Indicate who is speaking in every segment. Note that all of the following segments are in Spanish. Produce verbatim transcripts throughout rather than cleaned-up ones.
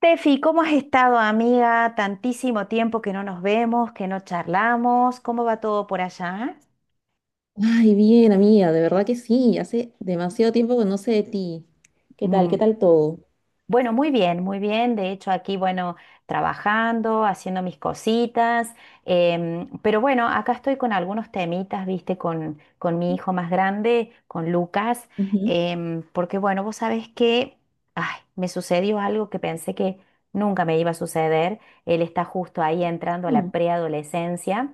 Speaker 1: Tefi, ¿cómo has estado, amiga? Tantísimo tiempo que no nos vemos, que no charlamos. ¿Cómo va todo por allá?
Speaker 2: Ay, bien, amiga, de verdad que sí, hace demasiado tiempo que no sé de ti. ¿Qué tal? ¿Qué
Speaker 1: Mm,
Speaker 2: tal todo?
Speaker 1: Bueno, muy bien, muy bien. De hecho, aquí, bueno, trabajando, haciendo mis cositas. Em, pero bueno, acá estoy con algunos temitas, viste, con, con mi hijo más grande, con Lucas.
Speaker 2: Ujú.
Speaker 1: Em, porque bueno, vos sabés que, ay, me sucedió algo que pensé que nunca me iba a suceder. Él está justo ahí entrando a la
Speaker 2: Mm.
Speaker 1: preadolescencia.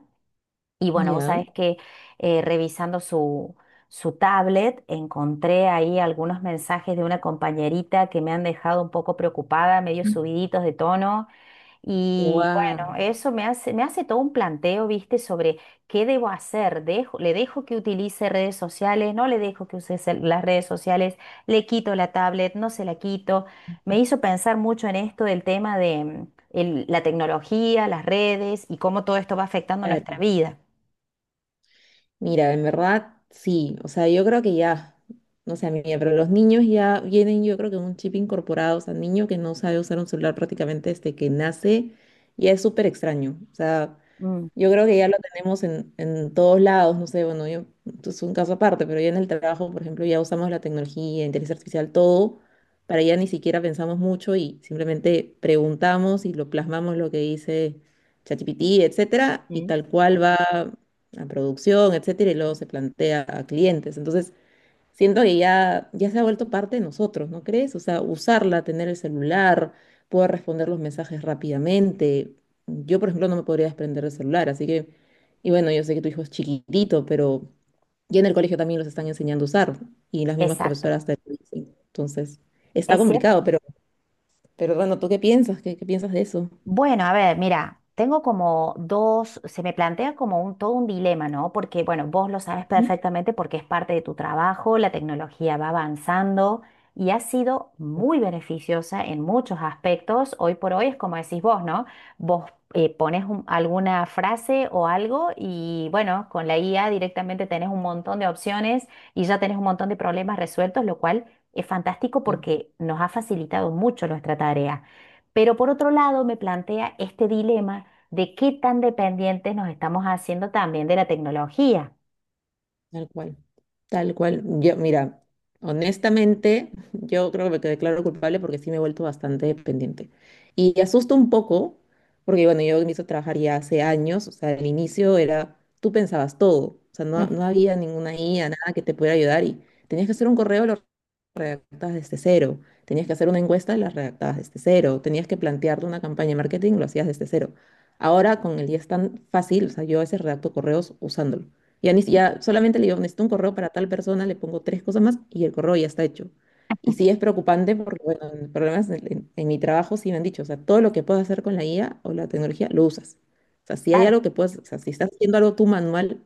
Speaker 1: Y bueno, vos sabés
Speaker 2: ¿Ya?
Speaker 1: que eh, revisando su, su tablet encontré ahí algunos mensajes de una compañerita que me han dejado un poco preocupada, medio subiditos de tono. Y bueno,
Speaker 2: Wow,
Speaker 1: eso me hace, me hace todo un planteo, ¿viste? Sobre qué debo hacer. Dejo, ¿le dejo que utilice redes sociales? ¿No le dejo que use cel- las redes sociales? ¿Le quito la tablet? ¿No se la quito? Me hizo pensar mucho en esto del tema de mm, el- la tecnología, las redes y cómo todo esto va afectando nuestra
Speaker 2: claro.
Speaker 1: vida.
Speaker 2: Mira, en verdad sí, o sea, yo creo que ya, no sé, amiga, pero los niños ya vienen, yo creo que un chip incorporado, o sea, niño que no sabe usar un celular prácticamente desde que nace, ya es súper extraño, o sea.
Speaker 1: Mm,
Speaker 2: Yo creo que ya lo tenemos en, en todos lados, no sé, bueno, yo, esto es un caso aparte, pero ya en el trabajo, por ejemplo, ya usamos la tecnología, inteligencia artificial, todo, para ya ni siquiera pensamos mucho y simplemente preguntamos y lo plasmamos lo que dice ChatGPT, etcétera, y
Speaker 1: ujú,
Speaker 2: tal cual va a producción, etcétera, y luego se plantea a clientes. Entonces, siento que ya, ya se ha vuelto parte de nosotros, ¿no crees? O sea, usarla, tener el celular, poder responder los mensajes rápidamente. Yo, por ejemplo, no me podría desprender del celular, así que, y bueno, yo sé que tu hijo es chiquitito, pero ya en el colegio también los están enseñando a usar y las mismas
Speaker 1: exacto,
Speaker 2: profesoras te lo dicen. Entonces, está
Speaker 1: es cierto.
Speaker 2: complicado, pero, pero bueno, ¿tú qué piensas? ¿Qué, qué piensas de eso?
Speaker 1: Bueno, a ver, mira, tengo como dos, se me plantea como un, todo un dilema, ¿no? Porque, bueno, vos lo sabes
Speaker 2: Ujú.
Speaker 1: perfectamente porque es parte de tu trabajo, la tecnología va avanzando y ha sido muy beneficiosa en muchos aspectos. Hoy por hoy es como decís vos, ¿no? Vos eh, pones un- alguna frase o algo y, bueno, con la I A directamente tenés un montón de opciones y ya tenés un montón de problemas resueltos, lo cual es fantástico
Speaker 2: Sí.
Speaker 1: porque nos ha facilitado mucho nuestra tarea. Pero por otro lado, me plantea este dilema de qué tan dependientes nos estamos haciendo también de la tecnología.
Speaker 2: Tal cual, tal cual. Yo, mira, honestamente, yo creo que me declaro culpable porque sí me he vuelto bastante dependiente. Y asusta un poco, porque bueno, yo empiezo a trabajar ya hace años, o sea, al inicio era, tú pensabas todo, o sea, no,
Speaker 1: Mm,
Speaker 2: no había ninguna I A, nada que te pudiera ayudar y tenías que hacer un correo, lo redactabas desde cero, tenías que hacer una encuesta, la redactabas desde cero, tenías que plantearte una campaña de marketing, lo hacías desde cero. Ahora con el día es tan fácil, o sea, yo a veces redacto correos usándolo. Ya, ni- si, ya solamente le digo, necesito un correo para tal persona, le pongo tres cosas más y el correo ya está hecho. Y sí es preocupante porque, bueno, en problemas en, en- en mi trabajo sí me han dicho, o sea, todo lo que puedas hacer con la I A o la tecnología, lo usas. O sea, si hay
Speaker 1: claro,
Speaker 2: algo que puedes, o sea, si estás haciendo algo tú manual,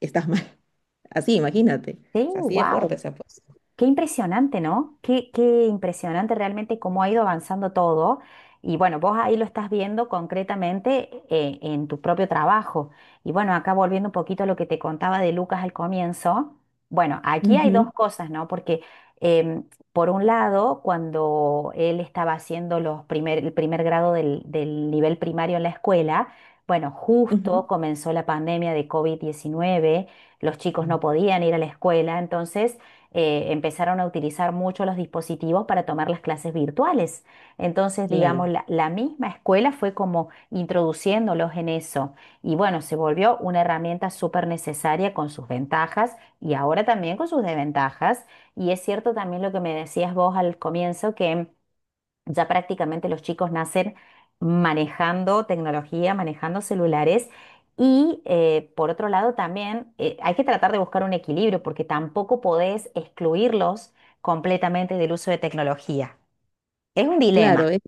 Speaker 2: estás mal. Así, imagínate.
Speaker 1: sí,
Speaker 2: O sea, así de
Speaker 1: wow.
Speaker 2: fuerte se ha puesto.
Speaker 1: Qué impresionante, ¿no? Qué, qué impresionante realmente cómo ha ido avanzando todo. Y bueno, vos ahí lo estás viendo concretamente eh, en tu propio trabajo. Y bueno, acá volviendo un poquito a lo que te contaba de Lucas al comienzo. Bueno, aquí hay
Speaker 2: Ujú,
Speaker 1: dos cosas, ¿no? Porque em, por un lado, cuando él estaba haciendo los primer, el primer grado del, del nivel primario en la escuela, bueno, justo
Speaker 2: ujú.
Speaker 1: comenzó la pandemia de covid diecinueve. Los chicos no
Speaker 2: Mm.
Speaker 1: podían ir a la escuela, entonces eh, empezaron a utilizar mucho los dispositivos para tomar las clases virtuales. Entonces, digamos,
Speaker 2: Claro,
Speaker 1: la, la misma escuela fue como introduciéndolos en eso. Y bueno, se volvió una herramienta súper necesaria con sus ventajas y ahora también con sus desventajas. Y es cierto también lo que me decías vos al comienzo, que ya prácticamente los chicos nacen manejando tecnología, manejando celulares. Y eh, por otro lado también eh, hay que tratar de buscar un equilibrio porque tampoco podés excluirlos completamente del uso de tecnología. Es un dilema.
Speaker 2: claro, es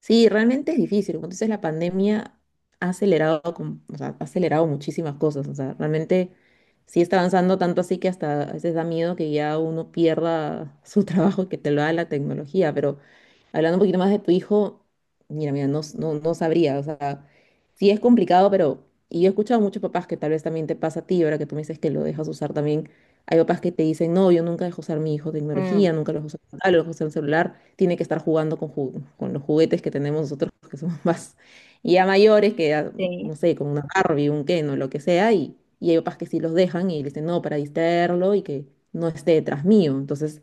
Speaker 2: sí, realmente es difícil. Como tú dices, la pandemia ha acelerado, con- o sea, ha acelerado muchísimas cosas. O sea, realmente sí está avanzando tanto así que hasta a veces da miedo que ya uno pierda su trabajo y que te lo da la tecnología. Pero hablando un poquito más de tu hijo, mira, mira, no, s- no, no sabría. O sea, sí es complicado, pero. Y yo he escuchado a muchos papás que tal vez también te pasa a ti, ahora que tú me dices que lo dejas usar también. Hay papás que te dicen, no, yo nunca dejo usar mi hijo
Speaker 1: Mm,
Speaker 2: tecnología, nunca lo dejo usar, ah, lo dejo usar el celular, tiene que estar jugando con, ju- con los juguetes que tenemos nosotros, que somos más y ya mayores, que ya,
Speaker 1: sí.
Speaker 2: no sé, con una Barbie, un Ken o lo que sea, y, y hay papás que sí los dejan y le dicen, no, para distraerlo y que no esté detrás mío. Entonces,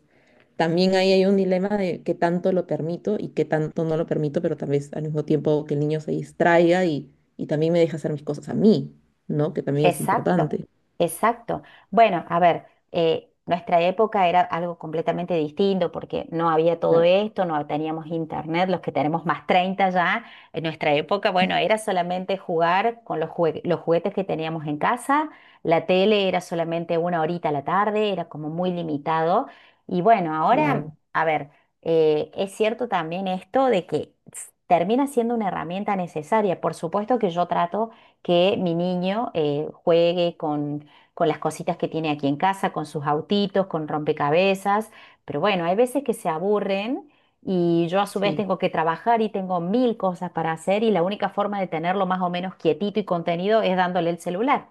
Speaker 2: también ahí hay un dilema de qué tanto lo permito y qué tanto no lo permito, pero tal vez al mismo tiempo que el niño se distraiga y, y también me deja hacer mis cosas a mí, ¿no? Que también es
Speaker 1: Exacto,
Speaker 2: importante.
Speaker 1: exacto. Bueno, a ver, eh, nuestra época era algo completamente distinto porque no había todo
Speaker 2: Cla-
Speaker 1: esto, no teníamos internet, los que tenemos más treinta ya, en nuestra época, bueno, era solamente jugar con los jue- los juguetes que teníamos en casa, la tele era solamente una horita a la tarde, era como muy limitado. Y bueno, ahora,
Speaker 2: Claro,
Speaker 1: a ver, eh, es cierto también esto de que s- termina siendo una herramienta necesaria. Por supuesto que yo trato que mi niño eh, juegue con, con las cositas que tiene aquí en casa, con sus autitos, con rompecabezas. Pero bueno, hay veces que se aburren y yo a su vez
Speaker 2: sí.
Speaker 1: tengo que trabajar y tengo mil cosas para hacer y la única forma de tenerlo más o menos quietito y contenido es dándole el celular.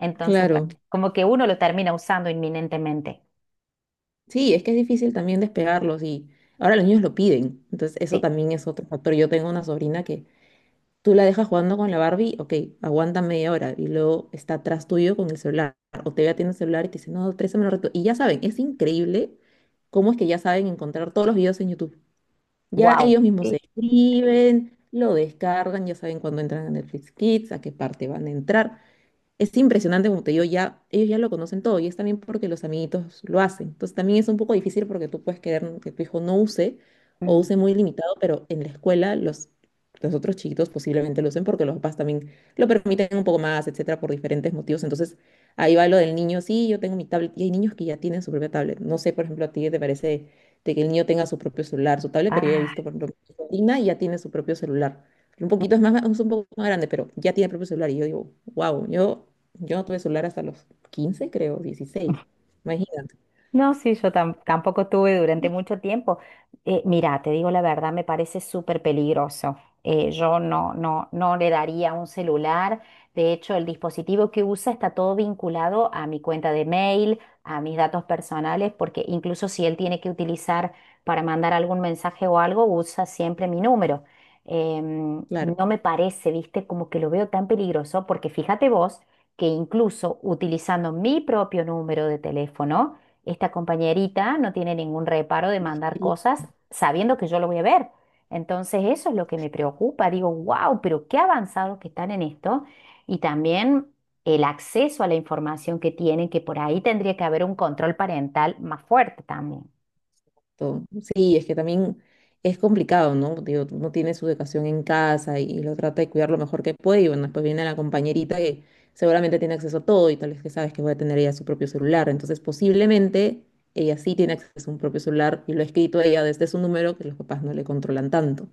Speaker 1: Entonces, bueno,
Speaker 2: Claro,
Speaker 1: como que uno lo termina usando inminentemente.
Speaker 2: sí, es que es difícil también despegarlos y ahora los niños lo piden, entonces eso
Speaker 1: Sí,
Speaker 2: también es otro factor. Yo tengo una sobrina que tú la dejas jugando con la Barbie, ok, aguanta media hora y luego está atrás tuyo con el celular o te ve atiendo el celular y te dice, no, préstame un rato. Y ya saben, es increíble cómo es que ya saben encontrar todos los videos en YouTube. Ya
Speaker 1: wow.
Speaker 2: ellos mismos se
Speaker 1: Sí.
Speaker 2: escriben, lo descargan, ya saben cuándo entran a Netflix Kids, a qué parte van a entrar. Es impresionante, como te digo, ya, ellos ya lo conocen todo y es también porque los amiguitos lo hacen. Entonces también es un poco difícil porque tú puedes querer que tu hijo no use o
Speaker 1: Mm.
Speaker 2: use muy limitado, pero en la escuela los, los otros chiquitos posiblemente lo usen porque los papás también lo permiten un poco más, etcétera, por diferentes motivos. Entonces ahí va lo del niño, sí, yo tengo mi tablet y hay niños que ya tienen su propia tablet. No sé, por ejemplo, a ti qué te parece de que el niño tenga su propio celular, su tablet, pero yo he
Speaker 1: Ah.
Speaker 2: visto, por ejemplo, mi sobrina y ya tiene su propio celular. Un poquito es más, es un poco más grande, pero ya tiene propio celular. Y yo digo, wow, yo, yo no tuve celular hasta los quince, creo, dieciséis. Imagínate,
Speaker 1: No, sí, yo tam- tampoco tuve durante mucho tiempo. Eh, mira, te digo la verdad, me parece súper peligroso. Eh, yo no, no, no le daría un celular. De hecho, el dispositivo que usa está todo vinculado a mi cuenta de mail, a mis datos personales, porque incluso si él tiene que utilizar para mandar algún mensaje o algo, usa siempre mi número. Em,
Speaker 2: claro,
Speaker 1: no me parece, viste, como que lo veo tan peligroso, porque fíjate vos que incluso utilizando mi propio número de teléfono, esta compañerita no tiene ningún reparo de mandar
Speaker 2: distinto.
Speaker 1: cosas sabiendo que yo lo voy a ver. Entonces eso es lo que me preocupa. Digo, wow, pero qué avanzados que están en esto. Y también el acceso a la información que tienen, que por ahí tendría que haber un control parental más fuerte también.
Speaker 2: Sí, es que también es complicado, ¿no? Digo, no tiene su educación en casa y, lo trata de cuidar lo mejor que puede. Y bueno, después viene la compañerita que seguramente tiene acceso a todo y tal vez que sabes que va a tener ella su propio celular. Entonces, posiblemente ella sí tiene acceso a un propio celular y lo ha escrito ella desde su número que los papás no le controlan tanto.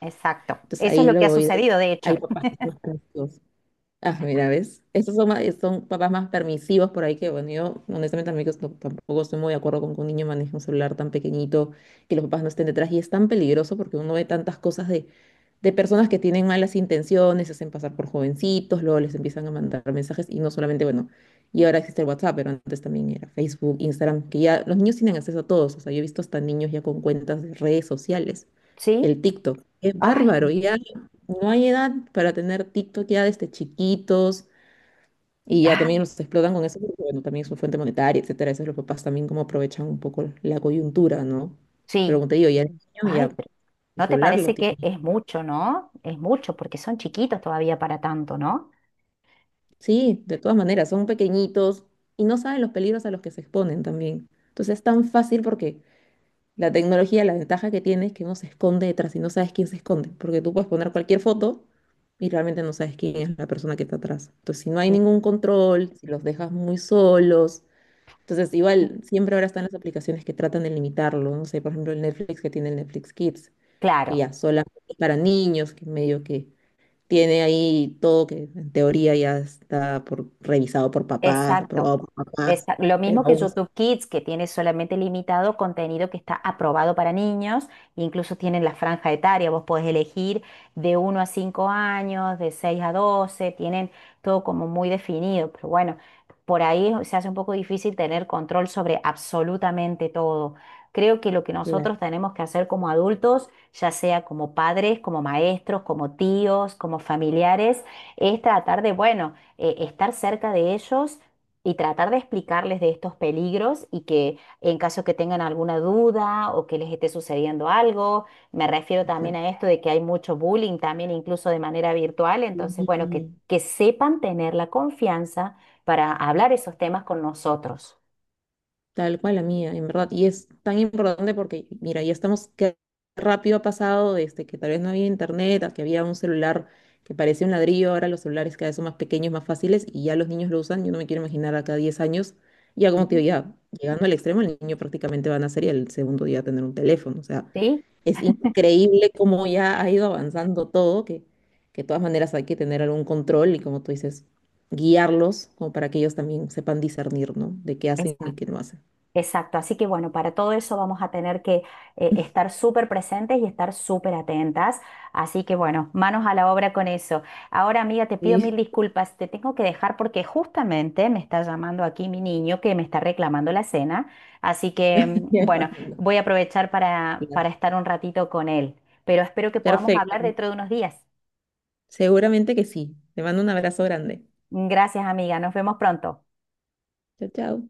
Speaker 1: Exacto.
Speaker 2: Entonces
Speaker 1: Eso es
Speaker 2: ahí
Speaker 1: lo que
Speaker 2: lo
Speaker 1: ha
Speaker 2: voy de-
Speaker 1: sucedido, de hecho.
Speaker 2: hay papás que son más permisivos. Ah, mira, ¿ves? Estos son, más- son papás más permisivos por ahí que, bueno, yo honestamente amigos no- tampoco estoy muy de acuerdo con que un niño maneje un celular tan pequeñito, que los papás no estén detrás. Y es tan peligroso porque uno ve tantas cosas de, de, personas que tienen malas intenciones, se hacen pasar por jovencitos, luego les empiezan a mandar mensajes y no solamente, bueno, y ahora existe el WhatsApp, pero antes también era Facebook, Instagram, que ya los niños tienen acceso a todos. O sea, yo he visto hasta niños ya con cuentas de redes sociales,
Speaker 1: ¿Sí?
Speaker 2: el TikTok. Es
Speaker 1: Ay,
Speaker 2: bárbaro, ya no hay edad para tener TikTok ya desde chiquitos y ya
Speaker 1: ah,
Speaker 2: también los explotan con eso, porque bueno, también es una fuente monetaria, etcétera. Eso los papás también como aprovechan un poco la coyuntura, ¿no? Pero
Speaker 1: sí.
Speaker 2: como te digo, ya el niño
Speaker 1: Ay,
Speaker 2: ya
Speaker 1: pero
Speaker 2: el
Speaker 1: ¿no te
Speaker 2: celular lo
Speaker 1: parece que
Speaker 2: tiene.
Speaker 1: es mucho, no? Es mucho porque son chiquitos todavía para tanto, ¿no?
Speaker 2: Sí, de todas maneras, son pequeñitos y no saben los peligros a los que se exponen también. Entonces es tan fácil porque la tecnología, la ventaja que tiene es que no se esconde detrás y no sabes quién se esconde, porque tú puedes poner cualquier foto y realmente no sabes quién es la persona que está atrás. Entonces, si no hay
Speaker 1: Sí.
Speaker 2: ningún control, si los dejas muy solos, entonces igual siempre ahora están las aplicaciones que tratan de limitarlo, no sé, por ejemplo, el Netflix que tiene el Netflix Kids, que
Speaker 1: Claro.
Speaker 2: ya solamente para niños, que medio que tiene ahí todo que en teoría ya está por, revisado por papás,
Speaker 1: Exacto.
Speaker 2: aprobado por papás,
Speaker 1: Esta- lo
Speaker 2: pero
Speaker 1: mismo que
Speaker 2: aún así,
Speaker 1: YouTube Kids, que tiene solamente limitado contenido que está aprobado para niños, incluso tienen la franja etaria, vos podés elegir de uno a cinco años, de seis a doce. Tienen todo como muy definido, pero bueno, por ahí se hace un poco difícil tener control sobre absolutamente todo. Creo que lo que
Speaker 2: claro.
Speaker 1: nosotros tenemos que hacer como adultos, ya sea como padres, como maestros, como tíos, como familiares, es tratar de, bueno, eh, estar cerca de ellos y tratar de explicarles de estos peligros y que en caso que tengan alguna duda o que les esté sucediendo algo, me refiero también a esto de que hay mucho bullying también incluso de manera virtual, entonces bueno, que,
Speaker 2: Sí.
Speaker 1: que sepan tener la confianza para hablar esos temas con nosotros,
Speaker 2: Tal cual la mía, en verdad. Y es tan importante porque, mira, ya estamos, qué rápido ha pasado desde que tal vez no había internet, a que había un celular que parecía un ladrillo, ahora los celulares cada vez son más pequeños, más fáciles y ya los niños lo usan. Yo no me quiero imaginar acá diez años, ya como te digo, ya llegando al extremo, el niño prácticamente va a nacer y el segundo día va a tener un teléfono. O sea,
Speaker 1: sí,
Speaker 2: es increíble cómo ya ha ido avanzando todo, que, que de todas maneras hay que tener algún control y como tú dices, guiarlos como para que ellos también sepan discernir, ¿no? De qué hacen y qué
Speaker 1: exacto.
Speaker 2: no hacen.
Speaker 1: Exacto, así que bueno, para todo eso vamos a tener que eh, estar súper presentes y estar súper atentas. Así que bueno, manos a la obra con eso. Ahora, amiga, te pido mil
Speaker 2: Sí,
Speaker 1: disculpas, te tengo que dejar porque justamente me está llamando aquí mi niño que me está reclamando la cena. Así que mm,
Speaker 2: ya
Speaker 1: bueno,
Speaker 2: imagino.
Speaker 1: voy a aprovechar para,
Speaker 2: Claro.
Speaker 1: para estar un ratito con él, pero espero que podamos
Speaker 2: Perfecto.
Speaker 1: hablar dentro de unos días.
Speaker 2: Seguramente que sí. Te mando un abrazo grande.
Speaker 1: Gracias, amiga, nos vemos pronto.
Speaker 2: Chao, chao.